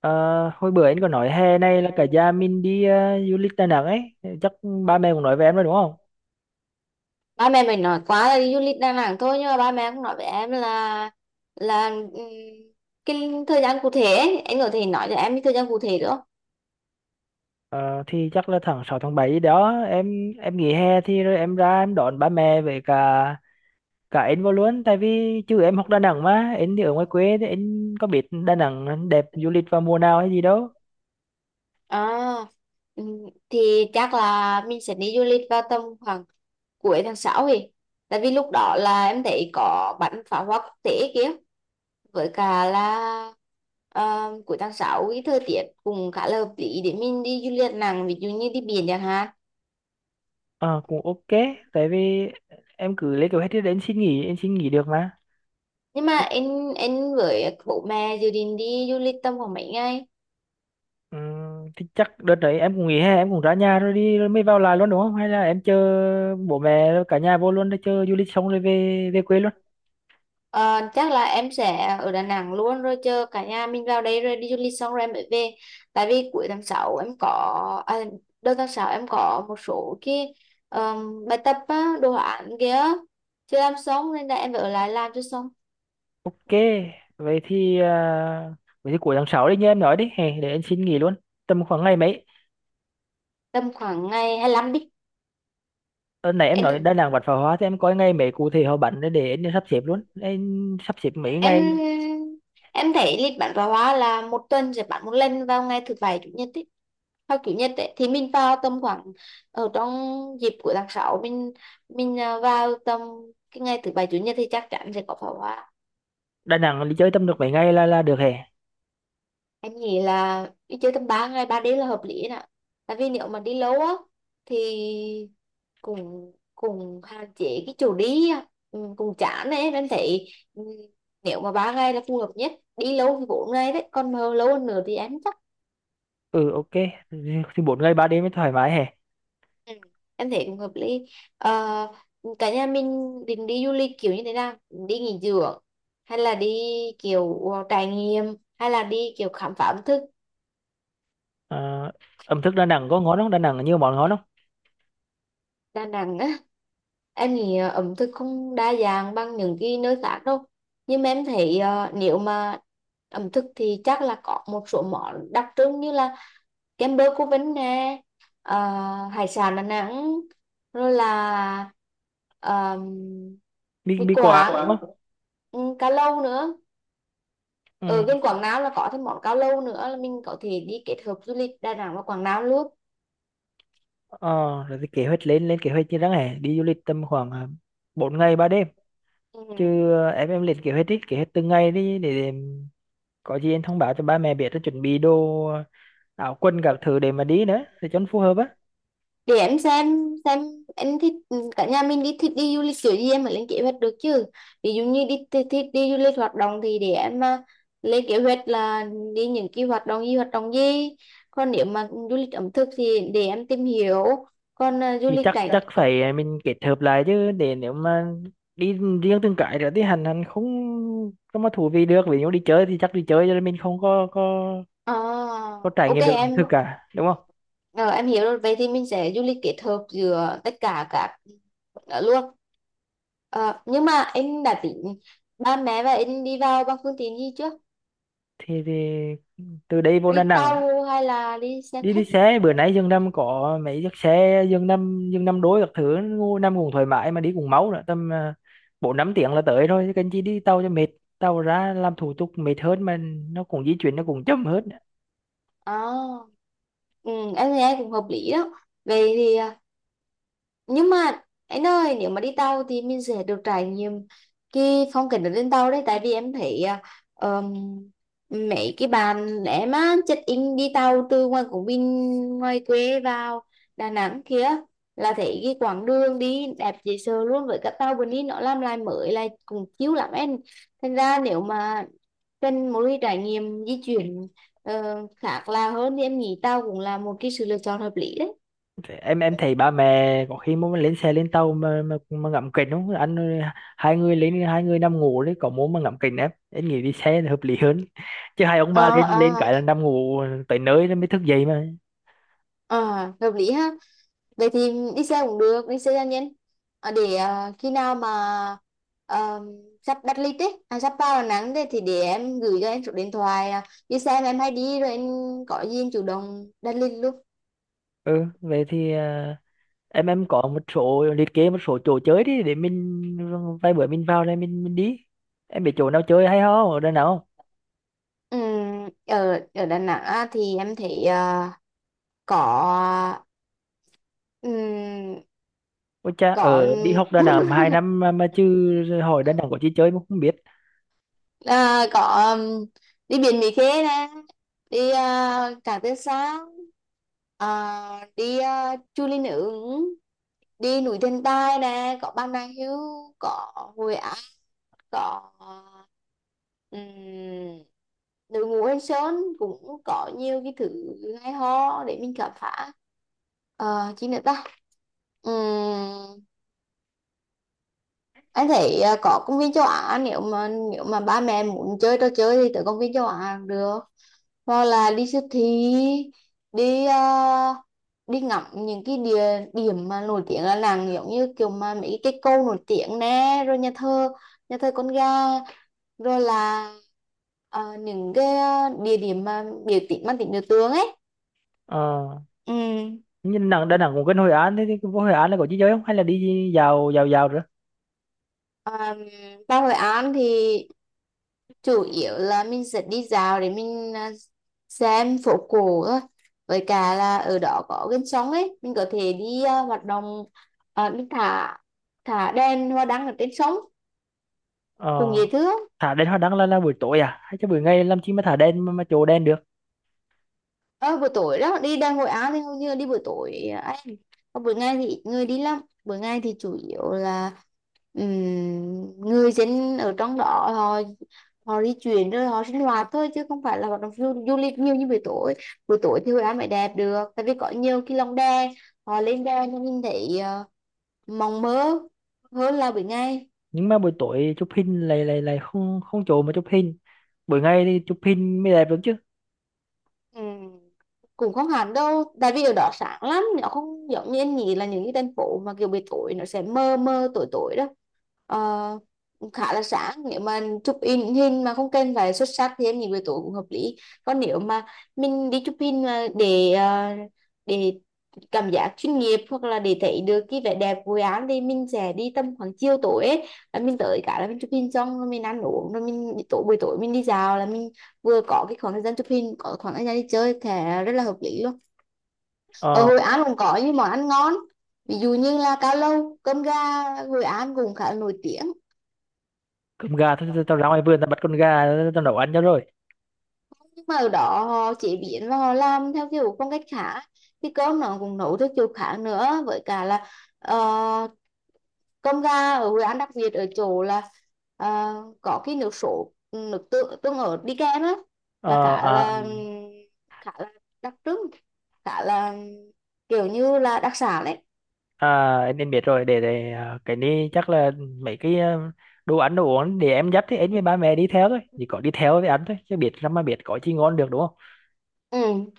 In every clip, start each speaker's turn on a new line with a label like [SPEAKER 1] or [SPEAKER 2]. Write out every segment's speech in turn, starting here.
[SPEAKER 1] Ờ, Hồi bữa anh có nói hè này là cả gia mình đi du lịch Đà Nẵng ấy. Chắc ba mẹ cũng nói với em rồi đúng không?
[SPEAKER 2] Ba mẹ mình nói quá là đi du lịch Đà Nẵng thôi, nhưng mà ba mẹ cũng nói với em là cái thời gian cụ thể ấy. Anh có thể nói cho em cái thời gian cụ thể được không?
[SPEAKER 1] Ờ, thì chắc là tháng 6 tháng 7 đó em nghỉ hè thì rồi em ra em đón ba mẹ với cả cả anh vô luôn, tại vì chứ em học Đà Nẵng mà anh thì ở ngoài quê thì anh có biết Đà Nẵng đẹp du lịch vào mùa nào hay gì đâu.
[SPEAKER 2] À, thì chắc là mình sẽ đi du lịch vào tầm khoảng cuối tháng sáu, thì tại vì lúc đó là em thấy có bắn pháo hoa quốc tế kia. Với cả là cuối tháng 6 cái thời tiết cũng khá là hợp lý để mình đi du lịch Đà Nẵng, ví dụ như đi biển chẳng hạn.
[SPEAKER 1] Ờ, Cũng ok, tại vì em cứ lấy kế hoạch thì đến xin nghỉ, em xin nghỉ được mà.
[SPEAKER 2] Nhưng mà em với bố mẹ dự định đi du lịch tầm khoảng mấy ngày?
[SPEAKER 1] Ừ, thì chắc đợt đấy em cũng nghỉ hè, em cũng ra nhà rồi đi rồi mới vào lại luôn đúng không, hay là em chờ bố mẹ cả nhà vô luôn để chờ du lịch xong rồi về về quê luôn.
[SPEAKER 2] Ờ, chắc là em sẽ ở Đà Nẵng luôn rồi chờ cả nhà mình vào đây, rồi đi du lịch xong rồi em mới về. Tại vì cuối tháng 6 em có à, đầu tháng 6 em có một số cái bài tập á, đồ án kia chưa làm xong nên là em phải ở lại làm cho xong.
[SPEAKER 1] Ok, vậy thì à, vậy thì cuối tháng 6 đi như em nói đi hè, để em xin nghỉ luôn. Tầm khoảng ngày mấy?
[SPEAKER 2] Tầm khoảng ngày hai lăm đi.
[SPEAKER 1] Ờ, Nãy em nói
[SPEAKER 2] em
[SPEAKER 1] Đà Nẵng bắn pháo hoa thì em coi ngày mấy cụ thể họ bắn để em sắp xếp luôn, em sắp xếp mấy ngày.
[SPEAKER 2] em em thấy lịch bán pháo hoa là một tuần sẽ bán một lần vào ngày thứ bảy chủ nhật ấy, hoặc chủ nhật ấy, thì mình vào tầm khoảng ở trong dịp của tháng 6, mình vào tầm cái ngày thứ bảy chủ nhật thì chắc chắn sẽ có pháo hoa.
[SPEAKER 1] Đà Nẵng đi chơi tầm được mấy ngày là được hè?
[SPEAKER 2] Em nghĩ là đi chơi tầm 3 ngày 3 đêm là hợp lý nè. Tại vì nếu mà đi lâu á thì cũng cũng hạn chế cái chỗ đi á. Ừ, cũng chán ấy em thấy. Ừ, nếu mà ba ngày là phù hợp nhất, đi lâu thì bốn ngày đấy, còn mà lâu hơn nữa thì em chắc.
[SPEAKER 1] Ừ, ok, thì 4 ngày 3 đêm mới thoải mái hè.
[SPEAKER 2] Ừ, em thấy cũng hợp lý. Ờ, cả nhà mình định đi du lịch kiểu như thế nào? Đi nghỉ dưỡng, hay là đi kiểu trải nghiệm, hay là đi kiểu khám phá ẩm
[SPEAKER 1] Ờ, Ẩm thực Đà Nẵng có ngon không,
[SPEAKER 2] thực?
[SPEAKER 1] Đà Nẵng có nhiều món ngon không?
[SPEAKER 2] Đà Nẵng á, em nghĩ ẩm thực không đa dạng bằng những cái nơi khác đâu. Nhưng mà em thấy nếu mà ẩm thực thì chắc là có một số món đặc trưng, như là kem bơ cô Vinh nè, ờ, hải sản Đà Nẵng, rồi là um,
[SPEAKER 1] bi
[SPEAKER 2] mì
[SPEAKER 1] bi quả đúng
[SPEAKER 2] Quảng,
[SPEAKER 1] không?
[SPEAKER 2] ừ, cá lâu nữa. Ở
[SPEAKER 1] Ừ.
[SPEAKER 2] bên Quảng Nam là có thêm món cá lâu nữa, là mình có thể đi kết hợp du lịch Đà Nẵng và Quảng Nam luôn.
[SPEAKER 1] Ờ, Rồi thì kế hoạch, lên lên kế hoạch như đáng hè, đi du lịch tầm khoảng 4 ngày 3 đêm.
[SPEAKER 2] Ừ.
[SPEAKER 1] Chứ em lên kế hoạch đi, kế hoạch từng ngày đi để có gì em thông báo cho ba mẹ biết rồi chuẩn bị đồ, áo quần các thứ để mà đi nữa để cho nó phù hợp á.
[SPEAKER 2] Để em xem em thích, cả nhà mình đi thích đi du lịch kiểu gì em phải lên kế hoạch được chứ. Ví dụ như đi thích đi du lịch hoạt động thì để em mà lên kế hoạch là đi những cái hoạt động gì, hoạt động gì. Còn nếu mà du lịch ẩm thực thì để em tìm hiểu. Còn à, du
[SPEAKER 1] Thì
[SPEAKER 2] lịch
[SPEAKER 1] chắc
[SPEAKER 2] cảnh.
[SPEAKER 1] chắc phải mình kết hợp lại chứ, để nếu mà đi riêng từng cái rồi thì hành hành không có mà thú vị được. Ví dụ đi chơi thì chắc đi chơi cho nên mình không có
[SPEAKER 2] Ờ,
[SPEAKER 1] có trải
[SPEAKER 2] ok
[SPEAKER 1] nghiệm được ẩm
[SPEAKER 2] em.
[SPEAKER 1] thực cả đúng không.
[SPEAKER 2] Ờ, em hiểu rồi, vậy thì mình sẽ du lịch kết hợp giữa tất cả các đó luôn. Ờ, nhưng mà em đã tính ba mẹ và em đi vào bằng phương tiện gì chưa?
[SPEAKER 1] Thì từ đây vô Đà
[SPEAKER 2] Đi
[SPEAKER 1] Nẵng,
[SPEAKER 2] tàu hay là đi xe
[SPEAKER 1] đi đi
[SPEAKER 2] khách?
[SPEAKER 1] xe bữa nãy dân năm có mấy chiếc xe dân năm đối các thứ năm cũng thoải mái mà đi cũng máu nữa, tầm bốn năm tiếng là tới thôi chứ cần chi đi tàu cho mệt. Tàu ra làm thủ tục mệt hơn mà, nó cũng di chuyển nó cũng chậm hết.
[SPEAKER 2] À, ừ, em thấy em cũng hợp lý đó. Vậy thì nhưng mà anh ơi, nếu mà đi tàu thì mình sẽ được trải nghiệm cái phong cảnh ở trên tàu đấy. Tại vì em thấy ờm, mấy cái bạn em á check in đi tàu từ ngoài Quảng Bình, ngoài quê vào Đà Nẵng kia, là thấy cái quãng đường đi đẹp dễ sợ luôn. Với cả tàu bên đi nó làm lại mới lại cũng chiếu lắm em. Thành ra nếu mà cần một cái trải nghiệm di chuyển khác là hơn thì em nghĩ tàu cũng là một cái sự lựa chọn hợp lý đấy.
[SPEAKER 1] Thế em thấy ba mẹ có khi muốn lên xe lên tàu mà mà ngậm kính không anh? 2 người lên, hai người nằm ngủ đấy có muốn mà ngậm kính, em nghĩ đi xe là hợp lý hơn, chứ 2 ông ba
[SPEAKER 2] Ờ,
[SPEAKER 1] lên lên
[SPEAKER 2] ờ,
[SPEAKER 1] cái là nằm ngủ tới nơi nó mới thức dậy mà.
[SPEAKER 2] ờ, hợp lý ha. Vậy thì đi xe cũng được, đi xe cá nhân. Ờ, để khi nào mà ờ, sắp đặt lịch ấy, à, sắp vào Đà Nẵng đấy, thì để em gửi cho em số điện thoại đi xe mà em hay đi, rồi em có gì em chủ động đặt lịch luôn.
[SPEAKER 1] Ừ, vậy thì em có một số, liệt kê một số chỗ chơi đi để mình vài bữa mình vào đây mình đi. Em biết chỗ nào chơi hay không ở Đà Nẵng không?
[SPEAKER 2] Ở ở Đà Nẵng á, thì em thấy có, ừm,
[SPEAKER 1] Ôi cha,
[SPEAKER 2] có
[SPEAKER 1] ở đi học Đà Nẵng 2 năm mà chứ hỏi Đà Nẵng có chi chơi mà không biết.
[SPEAKER 2] có, um, đi biển Mỹ Khê nè, đi Cảng Tiên Sa, đi Chu Linh Ứng, đi núi Thần Tài nè, có Bà Nà Hills, có Hội An, có um, đội ngũ Anh Sơn, cũng có nhiều cái thứ hay ho để mình khám phá. Ờ, chi nữa ta. Ừm, anh thấy có công viên châu Á, nếu mà ba mẹ muốn chơi trò chơi thì tới công viên châu Á cũng được. Hoặc là đi siêu thị, đi đi ngắm những cái địa điểm mà nổi tiếng là nàng, giống như kiểu mà mấy cái câu nổi tiếng nè, rồi nhà thờ, nhà thờ con gà, rồi là những cái địa điểm mà biểu tượng, mang tính biểu tượng ấy.
[SPEAKER 1] Ờ,
[SPEAKER 2] Ừ.
[SPEAKER 1] nhưng Đà Nẵng cũng gần Hội An, thế thì vô Hội An là có chi chơi không hay là đi dạo dạo dạo nữa?
[SPEAKER 2] À, vào Hội An thì chủ yếu là mình sẽ đi dạo để mình xem phố cổ thôi. Với cả là ở đó có gần sông ấy, mình có thể đi hoạt động, mình thả thả đèn hoa đăng ở trên sông,
[SPEAKER 1] Ờ,
[SPEAKER 2] cùng dễ thương.
[SPEAKER 1] thả đèn hoa đăng là buổi tối à hay cho buổi ngày làm chi mà thả đèn mà, chỗ đèn được?
[SPEAKER 2] Ờ, buổi tối đó đi đang hội Á thì hầu như là đi buổi tối à, anh. Còn buổi ngày thì ít người đi lắm. Buổi ngày thì chủ yếu là người dân ở trong đó họ họ đi chuyển rồi họ sinh hoạt thôi, chứ không phải là hoạt động du lịch nhiều như buổi tối. Buổi tối thì Hội An mới đẹp được, tại vì có nhiều cái lồng đè, họ lên đè nên nhìn thấy mộng mơ hơn là buổi ngày.
[SPEAKER 1] Nhưng mà buổi tối chụp hình lại lại lại không không chỗ mà chụp hình, buổi ngày thì chụp hình mới đẹp đúng chứ?
[SPEAKER 2] Ừ. Cũng không hẳn đâu, tại vì ở đó sáng lắm, nó không giống như anh nghĩ là những cái thành phố mà kiểu buổi tối nó sẽ mơ mơ tối tối đó. Ờ, khá là sáng, nếu mà chụp in hình mà không cần phải xuất sắc thì em nghĩ buổi tối cũng hợp lý. Còn nếu mà mình đi chụp hình mà để cảm giác chuyên nghiệp, hoặc là để thấy được cái vẻ đẹp của án, thì mình sẽ đi tầm khoảng chiều tối ấy. Là mình tới, cả là mình chụp hình xong rồi mình ăn uống, rồi mình tối buổi tối mình đi dạo, là mình vừa có cái khoảng thời gian chụp hình, có khoảng thời gian đi chơi thì rất là hợp lý luôn. Ở
[SPEAKER 1] Ờ,
[SPEAKER 2] Hội An cũng có những món ăn ngon, ví dụ như là cao lầu, cơm gà Hội An cũng khá là nổi tiếng.
[SPEAKER 1] Cơm gà thôi, tao ra ngoài vườn tao bắt con gà tao nấu ăn cho rồi.
[SPEAKER 2] Nhưng mà ở đó họ chế biến và họ làm theo kiểu phong cách khác, cái cơm nó cũng nấu theo kiểu khác nữa. Với cả là ờ, cơm gà ở Hội An đặc biệt ở chỗ là ờ, có cái nước sốt, nước tương, tương ớt đi kèm á, là khá là,
[SPEAKER 1] Ừ.
[SPEAKER 2] khá là đặc trưng, khá là kiểu như là đặc sản đấy.
[SPEAKER 1] À em biết rồi, để cái này chắc là mấy cái, đồ ăn đồ uống để em dắt thì em với ba mẹ đi theo thôi, chỉ có đi theo thì ăn thôi chứ biết làm mà biết có chi ngon được đúng không.
[SPEAKER 2] Ừ.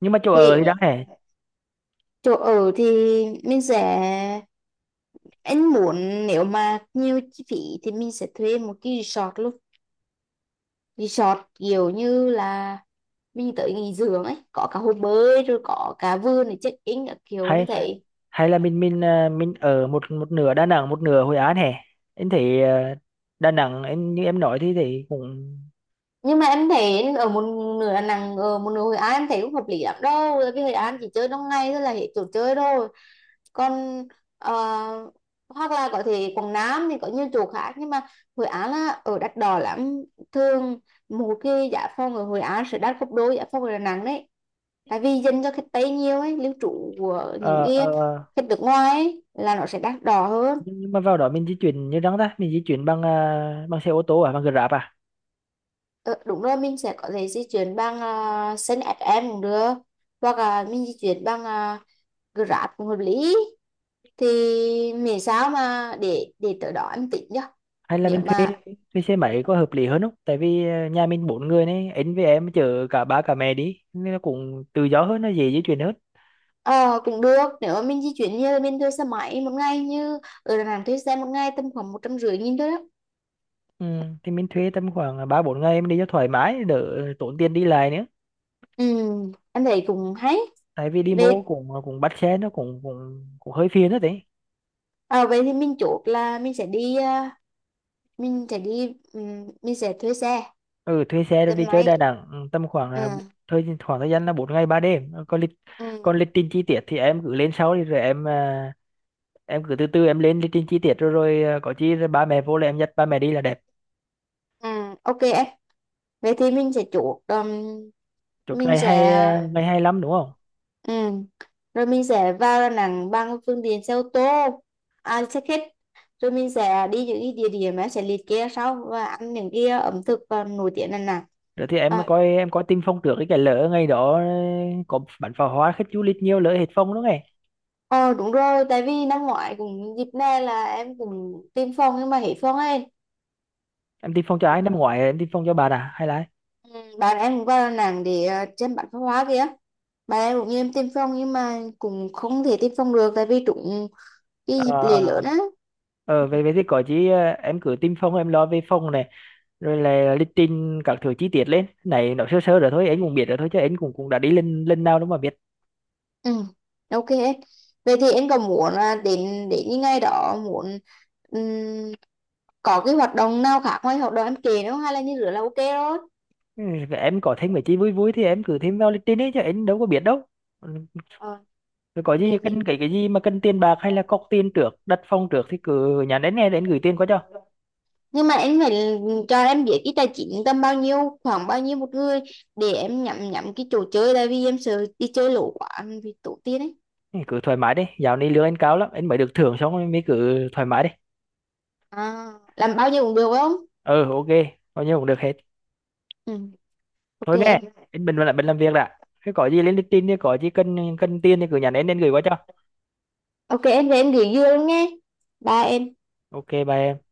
[SPEAKER 1] Nhưng mà chỗ
[SPEAKER 2] Thì
[SPEAKER 1] ở thì đáng hè,
[SPEAKER 2] chỗ ở thì mình sẽ, anh muốn nếu mà nhiều chi phí thì mình sẽ thuê một cái resort luôn. Resort kiểu như là mình tới nghỉ dưỡng ấy, có cả hồ bơi rồi có cả vườn để check in các kiểu em
[SPEAKER 1] hay
[SPEAKER 2] thấy.
[SPEAKER 1] hay là mình mình ở một một nửa Đà Nẵng một nửa Hội An hè? Em thấy Đà Nẵng em như em nói thì cũng…
[SPEAKER 2] Nhưng mà em thấy ở một nửa Đà Nẵng, ở một nửa Hội An em thấy cũng hợp lý lắm đâu, tại vì Hội An chỉ chơi trong ngày thôi là hết chỗ chơi rồi. Còn ờ, hoặc là có thể Quảng Nam thì có nhiều chỗ khác, nhưng mà Hội An là ở đắt đỏ lắm. Thường một cái giá phòng ở Hội An sẽ đắt gấp đôi giá phòng ở Đà Nẵng đấy, tại vì dành cho khách Tây nhiều ấy, lưu trú của những
[SPEAKER 1] ờ, ờ,
[SPEAKER 2] cái khách nước ngoài ấy, là nó sẽ đắt đỏ hơn.
[SPEAKER 1] nhưng mà vào đó mình di chuyển như đáng ta, mình di chuyển bằng bằng xe ô tô à, bằng Grab à,
[SPEAKER 2] Ờ, đúng rồi, mình sẽ có thể di chuyển bằng xe ép em cũng được, hoặc là mình di chuyển bằng Grab cũng hợp lý. Thì miễn sao mà để tới đó em tính nhá.
[SPEAKER 1] hay là
[SPEAKER 2] Nếu
[SPEAKER 1] mình thuê
[SPEAKER 2] mà,
[SPEAKER 1] thuê xe máy có hợp lý hơn không? Tại vì nhà mình 4 người này, anh với em chở cả ba cả mẹ đi nên nó cũng tự do hơn, nó dễ di chuyển hơn.
[SPEAKER 2] ờ cũng được, nếu mà mình di chuyển như là mình thuê xe máy một ngày, như ở Đà Nẵng thuê xe một ngày tầm khoảng một trăm rưỡi nghìn thôi đó.
[SPEAKER 1] Ừ, thì mình thuê tầm khoảng ba bốn ngày mình đi cho thoải mái, đỡ tốn tiền đi lại nữa.
[SPEAKER 2] Ừ, anh thấy cũng hay.
[SPEAKER 1] Tại vì đi bộ
[SPEAKER 2] vậy
[SPEAKER 1] cũng cũng bắt xe nó cũng cũng cũng hơi phiền đó đấy.
[SPEAKER 2] à, vậy thì mình chốt là mình sẽ đi à, mình sẽ đi mình sẽ thuê xe,
[SPEAKER 1] Ừ, thuê xe rồi
[SPEAKER 2] xe
[SPEAKER 1] đi chơi
[SPEAKER 2] máy.
[SPEAKER 1] Đà Nẵng, ừ, tầm khoảng
[SPEAKER 2] Ừ,
[SPEAKER 1] là thời khoảng, thời gian là 4 ngày 3 đêm. Ừ, còn
[SPEAKER 2] ừ,
[SPEAKER 1] còn lịch trình chi tiết thì em cứ lên sau đi rồi em em cứ từ từ em lên lịch trình chi tiết rồi rồi có chi rồi ba mẹ vô là em dắt ba mẹ đi là đẹp.
[SPEAKER 2] ừ, ok em. Vậy thì mình sẽ chốt
[SPEAKER 1] Chốt
[SPEAKER 2] mình
[SPEAKER 1] ngày hay,
[SPEAKER 2] sẽ.
[SPEAKER 1] ngày hay lắm đúng không?
[SPEAKER 2] Ừ. Rồi mình sẽ vào Đà Nẵng bằng phương tiện xe ô tô, à, xe khách. Rồi mình sẽ đi những cái địa điểm em sẽ liệt kê sau, và ăn những cái ẩm thực nổi tiếng Đà Nẵng.
[SPEAKER 1] Rồi thì em
[SPEAKER 2] À,
[SPEAKER 1] coi, em coi tin phong trước cái lỡ ngày đó có bắn pháo hoa khách du lịch nhiều lỡ hết phong đúng không em?
[SPEAKER 2] ờ đúng rồi, tại vì năm ngoái cũng dịp này là em cũng tìm phòng nhưng mà hết phòng ấy.
[SPEAKER 1] Em tin phong cho ai năm ngoái, em tin phong cho bạn à hay là ai?
[SPEAKER 2] Ừ, bạn em cũng vào Đà Nẵng để xem bắn pháo hoa kìa. Bạn em cũng như em tìm phòng nhưng mà cũng không thể tìm phòng được, tại vì trúng
[SPEAKER 1] ờ
[SPEAKER 2] cái dịp lễ
[SPEAKER 1] ờ
[SPEAKER 2] lớn á.
[SPEAKER 1] ờ,
[SPEAKER 2] Ừ.
[SPEAKER 1] về về thì có chứ, ờ, em cứ tin phong, em lo về phong này. Rồi là lịch trình các thứ chi tiết lên này nó sơ sơ rồi thôi, anh cũng biết rồi thôi, chứ anh cũng cũng đã đi lên lên nào đâu mà biết.
[SPEAKER 2] Ừ, ok hết. Vậy thì em có muốn là đến đến những ngày đó muốn ừm, có cái hoạt động nào khác ngoài hoạt động em kể nữa không? Hay là như rửa là ok rồi?
[SPEAKER 1] Ừ, em có thêm mấy chi vui vui thì em cứ thêm vào lịch trình ấy chứ anh đâu có biết đâu. Ừ,
[SPEAKER 2] Ờ,
[SPEAKER 1] rồi có
[SPEAKER 2] về
[SPEAKER 1] gì
[SPEAKER 2] thì,
[SPEAKER 1] cần cái gì mà cần tiền bạc hay là cọc tiền trước, đặt phòng trước thì cứ nhắn đến nghe, gửi tiền qua cho.
[SPEAKER 2] nhưng mà em phải cho em biết cái tài chính tầm bao nhiêu, khoảng bao nhiêu một người, để em nhắm nhắm cái chỗ chơi, tại vì em sợ đi chơi lỗ quá, vì tổ tiên ấy.
[SPEAKER 1] Ừ, cứ thoải mái đi, dạo này lương anh cao lắm, anh mới được thưởng xong rồi, mới cứ thoải mái đi.
[SPEAKER 2] À, làm bao nhiêu cũng được phải không?
[SPEAKER 1] Ừ, ok, bao nhiêu cũng được hết.
[SPEAKER 2] Ừ. Ok
[SPEAKER 1] Thôi nghe,
[SPEAKER 2] em.
[SPEAKER 1] anh mình lại mình làm việc đã. Cái có gì lên lịch trình thì có gì cần cần tiền thì cứ nhắn đến, gửi qua cho.
[SPEAKER 2] Ok em về em gửi dưa luôn nghe, ba em.
[SPEAKER 1] Ok, bye em.